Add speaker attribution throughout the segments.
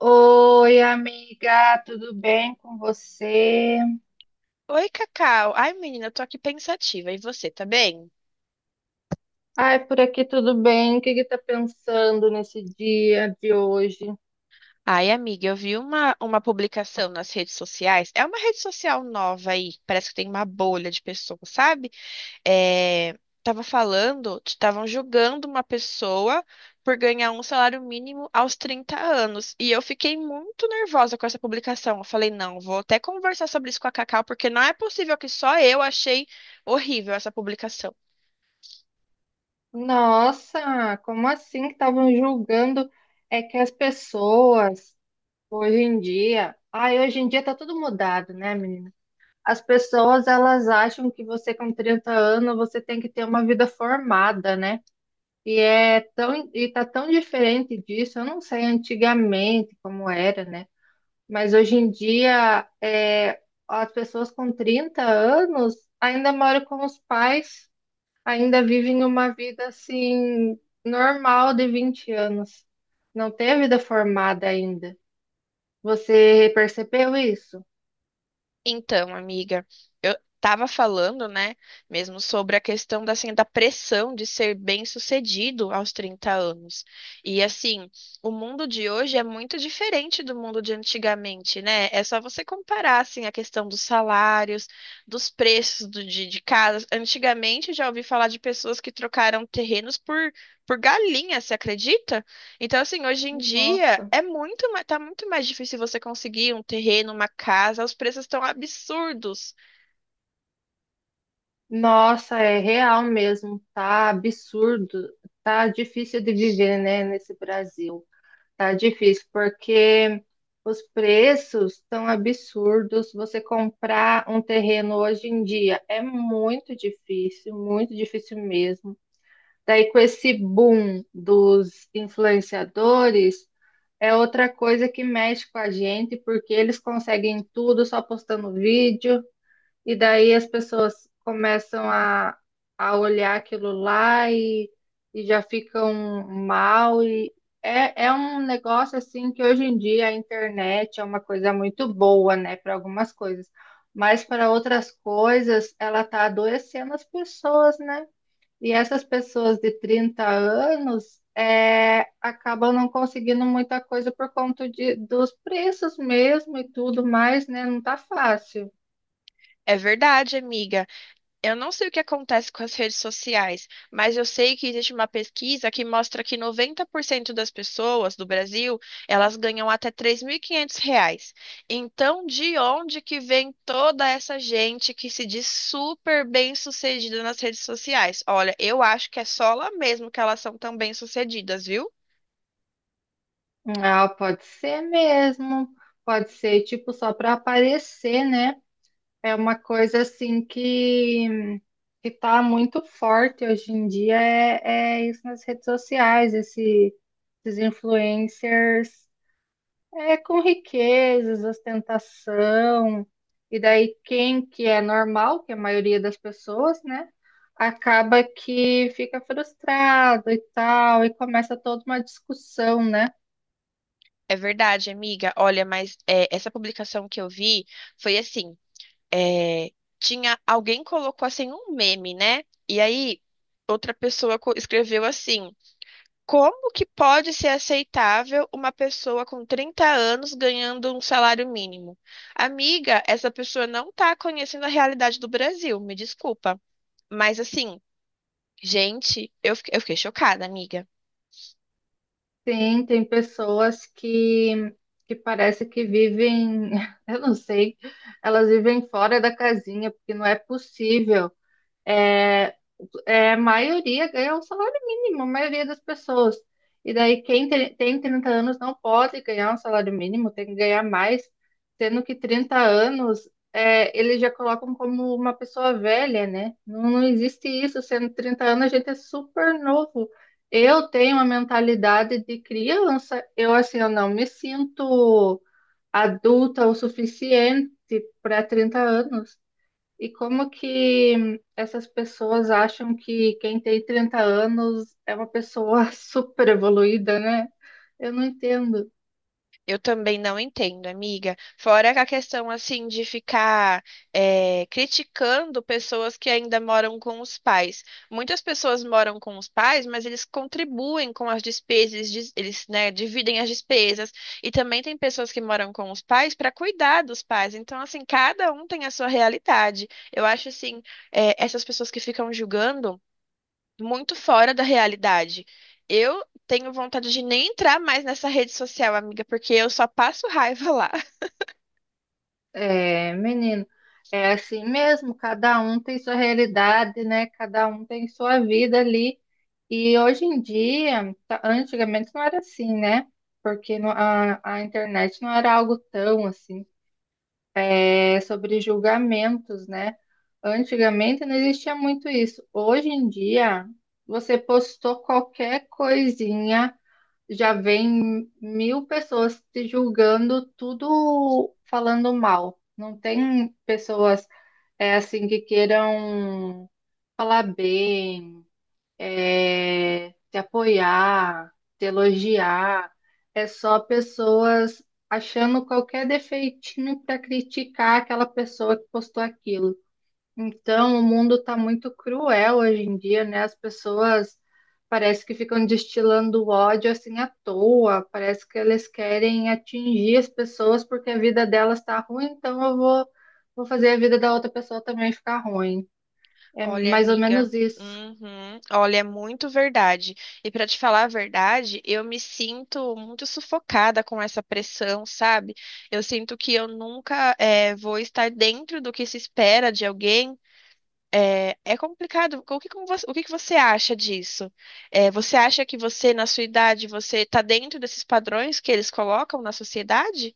Speaker 1: Oi, amiga, tudo bem com você?
Speaker 2: Oi, Cacau. Ai, menina, eu tô aqui pensativa. E você, tá bem?
Speaker 1: Ai, por aqui tudo bem. O que que tá pensando nesse dia de hoje?
Speaker 2: Ai, amiga, eu vi uma publicação nas redes sociais. É uma rede social nova aí. Parece que tem uma bolha de pessoas, sabe? É, tava falando, estavam julgando uma pessoa por ganhar um salário mínimo aos 30 anos. E eu fiquei muito nervosa com essa publicação. Eu falei, não, vou até conversar sobre isso com a Cacau, porque não é possível que só eu achei horrível essa publicação.
Speaker 1: Nossa, como assim que estavam julgando é que as pessoas hoje em dia, ai, hoje em dia tá tudo mudado, né, menina? As pessoas elas acham que você com 30 anos você tem que ter uma vida formada, né? E é tão e tá tão diferente disso. Eu não sei antigamente como era, né? Mas hoje em dia, as pessoas com 30 anos ainda moram com os pais, ainda vivem uma vida assim normal de 20 anos. Não tem a vida formada ainda. Você percebeu isso?
Speaker 2: Então, amiga, eu estava falando, né, mesmo sobre a questão da, assim, da pressão de ser bem-sucedido aos 30 anos. E assim, o mundo de hoje é muito diferente do mundo de antigamente, né? É só você comparar assim a questão dos salários, dos preços de casas. Antigamente eu já ouvi falar de pessoas que trocaram terrenos por galinha, você acredita? Então, assim, hoje em dia
Speaker 1: Nossa,
Speaker 2: é muito, tá muito mais difícil você conseguir um terreno, uma casa, os preços estão absurdos.
Speaker 1: nossa, é real mesmo, tá absurdo, tá difícil de viver, né, nesse Brasil. Tá difícil, porque os preços estão absurdos. Você comprar um terreno hoje em dia é muito difícil mesmo. Daí, com esse boom dos influenciadores, é outra coisa que mexe com a gente, porque eles conseguem tudo só postando vídeo. E daí as pessoas começam a olhar aquilo lá e já ficam mal. E é um negócio assim que hoje em dia a internet é uma coisa muito boa, né, para algumas coisas, mas para outras coisas ela tá adoecendo as pessoas, né? E essas pessoas de 30 anos acabam não conseguindo muita coisa por conta dos preços mesmo e tudo mais, né? Não tá fácil.
Speaker 2: É verdade, amiga. Eu não sei o que acontece com as redes sociais, mas eu sei que existe uma pesquisa que mostra que 90% das pessoas do Brasil, elas ganham até 3.500 reais. Então, de onde que vem toda essa gente que se diz super bem-sucedida nas redes sociais? Olha, eu acho que é só lá mesmo que elas são tão bem-sucedidas, viu?
Speaker 1: Ah, pode ser mesmo. Pode ser, tipo, só para aparecer, né? É uma coisa assim que tá muito forte hoje em dia, é isso nas redes sociais, esses influencers é com riquezas, ostentação, e daí quem que é normal, que é a maioria das pessoas, né? Acaba que fica frustrado e tal, e começa toda uma discussão, né?
Speaker 2: É verdade, amiga. Olha, mas é, essa publicação que eu vi foi assim: é, tinha alguém colocou assim um meme, né? E aí outra pessoa escreveu assim: como que pode ser aceitável uma pessoa com 30 anos ganhando um salário mínimo? Amiga, essa pessoa não tá conhecendo a realidade do Brasil, me desculpa. Mas assim, gente, eu fiquei chocada, amiga.
Speaker 1: Sim, tem pessoas que parece que vivem, eu não sei, elas vivem fora da casinha, porque não é possível é, é, a maioria ganha um salário mínimo, a maioria das pessoas. E daí quem tem 30 anos não pode ganhar um salário mínimo, tem que ganhar mais, sendo que 30 anos eles já colocam como uma pessoa velha, né? Não, não existe isso, sendo 30 anos a gente é super novo. Eu tenho uma mentalidade de criança, eu assim, eu não me sinto adulta o suficiente para 30 anos. E como que essas pessoas acham que quem tem 30 anos é uma pessoa super evoluída, né? Eu não entendo.
Speaker 2: Eu também não entendo, amiga. Fora que a questão assim de ficar criticando pessoas que ainda moram com os pais. Muitas pessoas moram com os pais, mas eles contribuem com as despesas, eles, né, dividem as despesas. E também tem pessoas que moram com os pais para cuidar dos pais. Então, assim, cada um tem a sua realidade. Eu acho assim, essas pessoas que ficam julgando muito fora da realidade. Eu tenho vontade de nem entrar mais nessa rede social, amiga, porque eu só passo raiva lá.
Speaker 1: É, menino, é assim mesmo, cada um tem sua realidade, né? Cada um tem sua vida ali. E hoje em dia, antigamente não era assim, né? Porque a internet não era algo tão assim. Sobre julgamentos, né? Antigamente não existia muito isso. Hoje em dia, você postou qualquer coisinha, já vem mil pessoas te julgando, tudo falando mal. Não tem pessoas assim que queiram falar bem te apoiar, te elogiar. É só pessoas achando qualquer defeitinho para criticar aquela pessoa que postou aquilo. Então, o mundo está muito cruel hoje em dia, né? As pessoas parece que ficam destilando ódio assim à toa, parece que eles querem atingir as pessoas porque a vida delas está ruim, então eu vou fazer a vida da outra pessoa também ficar ruim. É
Speaker 2: Olha,
Speaker 1: mais ou
Speaker 2: amiga.
Speaker 1: menos isso.
Speaker 2: Uhum. Olha, é muito verdade. E para te falar a verdade, eu me sinto muito sufocada com essa pressão, sabe? Eu sinto que eu nunca vou estar dentro do que se espera de alguém. É, é complicado. O que, como você, o que que você acha disso? É, você acha que você, na sua idade, você está dentro desses padrões que eles colocam na sociedade?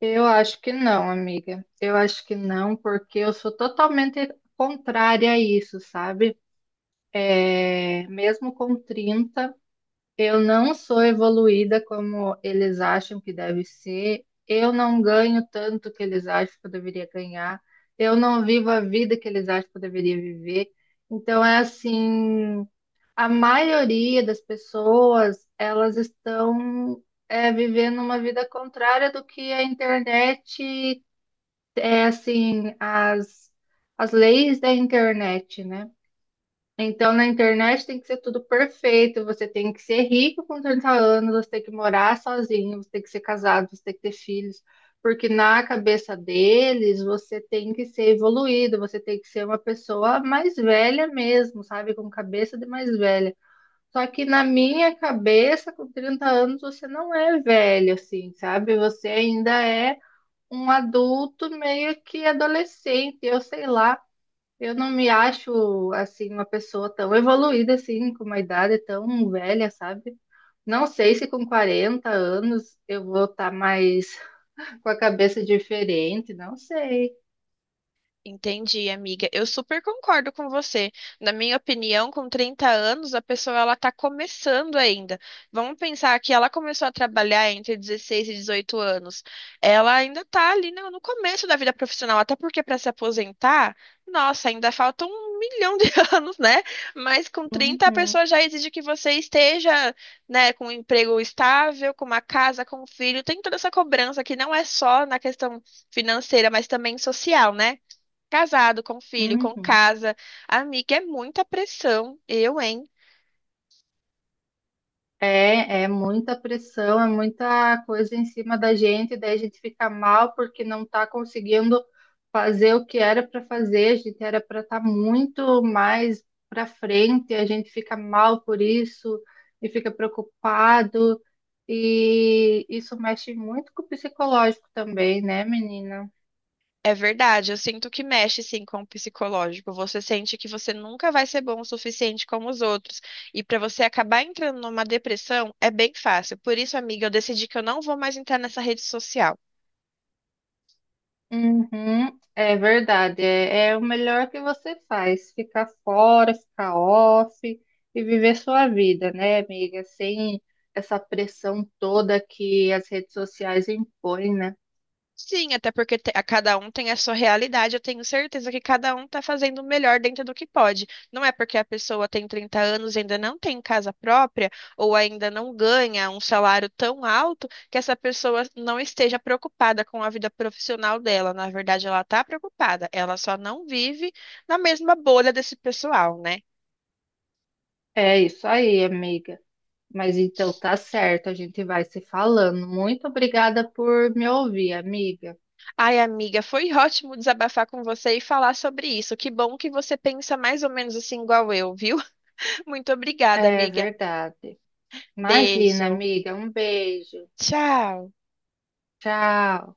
Speaker 1: Eu acho que não, amiga. Eu acho que não, porque eu sou totalmente contrária a isso, sabe? É, mesmo com 30, eu não sou evoluída como eles acham que deve ser. Eu não ganho tanto que eles acham que eu deveria ganhar. Eu não vivo a vida que eles acham que eu deveria viver. Então é assim, a maioria das pessoas, elas estão vivendo uma vida contrária do que a internet é assim, as leis da internet, né? Então, na internet tem que ser tudo perfeito, você tem que ser rico com 30 anos, você tem que morar sozinho, você tem que ser casado, você tem que ter filhos, porque na cabeça deles você tem que ser evoluído, você tem que ser uma pessoa mais velha mesmo, sabe? Com cabeça de mais velha. Só que na minha cabeça, com 30 anos, você não é velho, assim, sabe? Você ainda é um adulto meio que adolescente, eu sei lá. Eu não me acho assim uma pessoa tão evoluída assim, com uma idade tão velha, sabe? Não sei se com 40 anos eu vou estar mais com a cabeça diferente, não sei.
Speaker 2: Entendi, amiga. Eu super concordo com você. Na minha opinião, com 30 anos, a pessoa ela está começando ainda. Vamos pensar que ela começou a trabalhar entre 16 e 18 anos. Ela ainda está ali no começo da vida profissional, até porque para se aposentar, nossa, ainda falta um milhão de anos, né? Mas com 30, a
Speaker 1: Uhum,
Speaker 2: pessoa já exige que você esteja, né, com um emprego estável, com uma casa, com um filho. Tem toda essa cobrança que não é só na questão financeira, mas também social, né? Casado, com filho, com
Speaker 1: uhum.
Speaker 2: casa. Amiga, é muita pressão. Eu, hein?
Speaker 1: É, é muita pressão, é muita coisa em cima da gente, daí a gente fica mal porque não está conseguindo fazer o que era para fazer, a gente era para estar muito mais para frente, a gente fica mal por isso e fica preocupado, e isso mexe muito com o psicológico também, né, menina?
Speaker 2: É verdade, eu sinto que mexe sim com o psicológico. Você sente que você nunca vai ser bom o suficiente como os outros. E para você acabar entrando numa depressão é bem fácil. Por isso, amiga, eu decidi que eu não vou mais entrar nessa rede social.
Speaker 1: Uhum, é verdade, é o melhor que você faz, ficar fora, ficar off e viver sua vida, né, amiga? Sem essa pressão toda que as redes sociais impõem, né?
Speaker 2: Sim, até porque a cada um tem a sua realidade. Eu tenho certeza que cada um está fazendo o melhor dentro do que pode. Não é porque a pessoa tem 30 anos e ainda não tem casa própria ou ainda não ganha um salário tão alto que essa pessoa não esteja preocupada com a vida profissional dela. Na verdade, ela está preocupada. Ela só não vive na mesma bolha desse pessoal, né?
Speaker 1: É isso aí, amiga. Mas então tá certo, a gente vai se falando. Muito obrigada por me ouvir, amiga.
Speaker 2: Ai, amiga, foi ótimo desabafar com você e falar sobre isso. Que bom que você pensa mais ou menos assim igual eu, viu? Muito obrigada,
Speaker 1: É
Speaker 2: amiga.
Speaker 1: verdade. Imagina,
Speaker 2: Beijo.
Speaker 1: amiga, um beijo.
Speaker 2: Tchau.
Speaker 1: Tchau.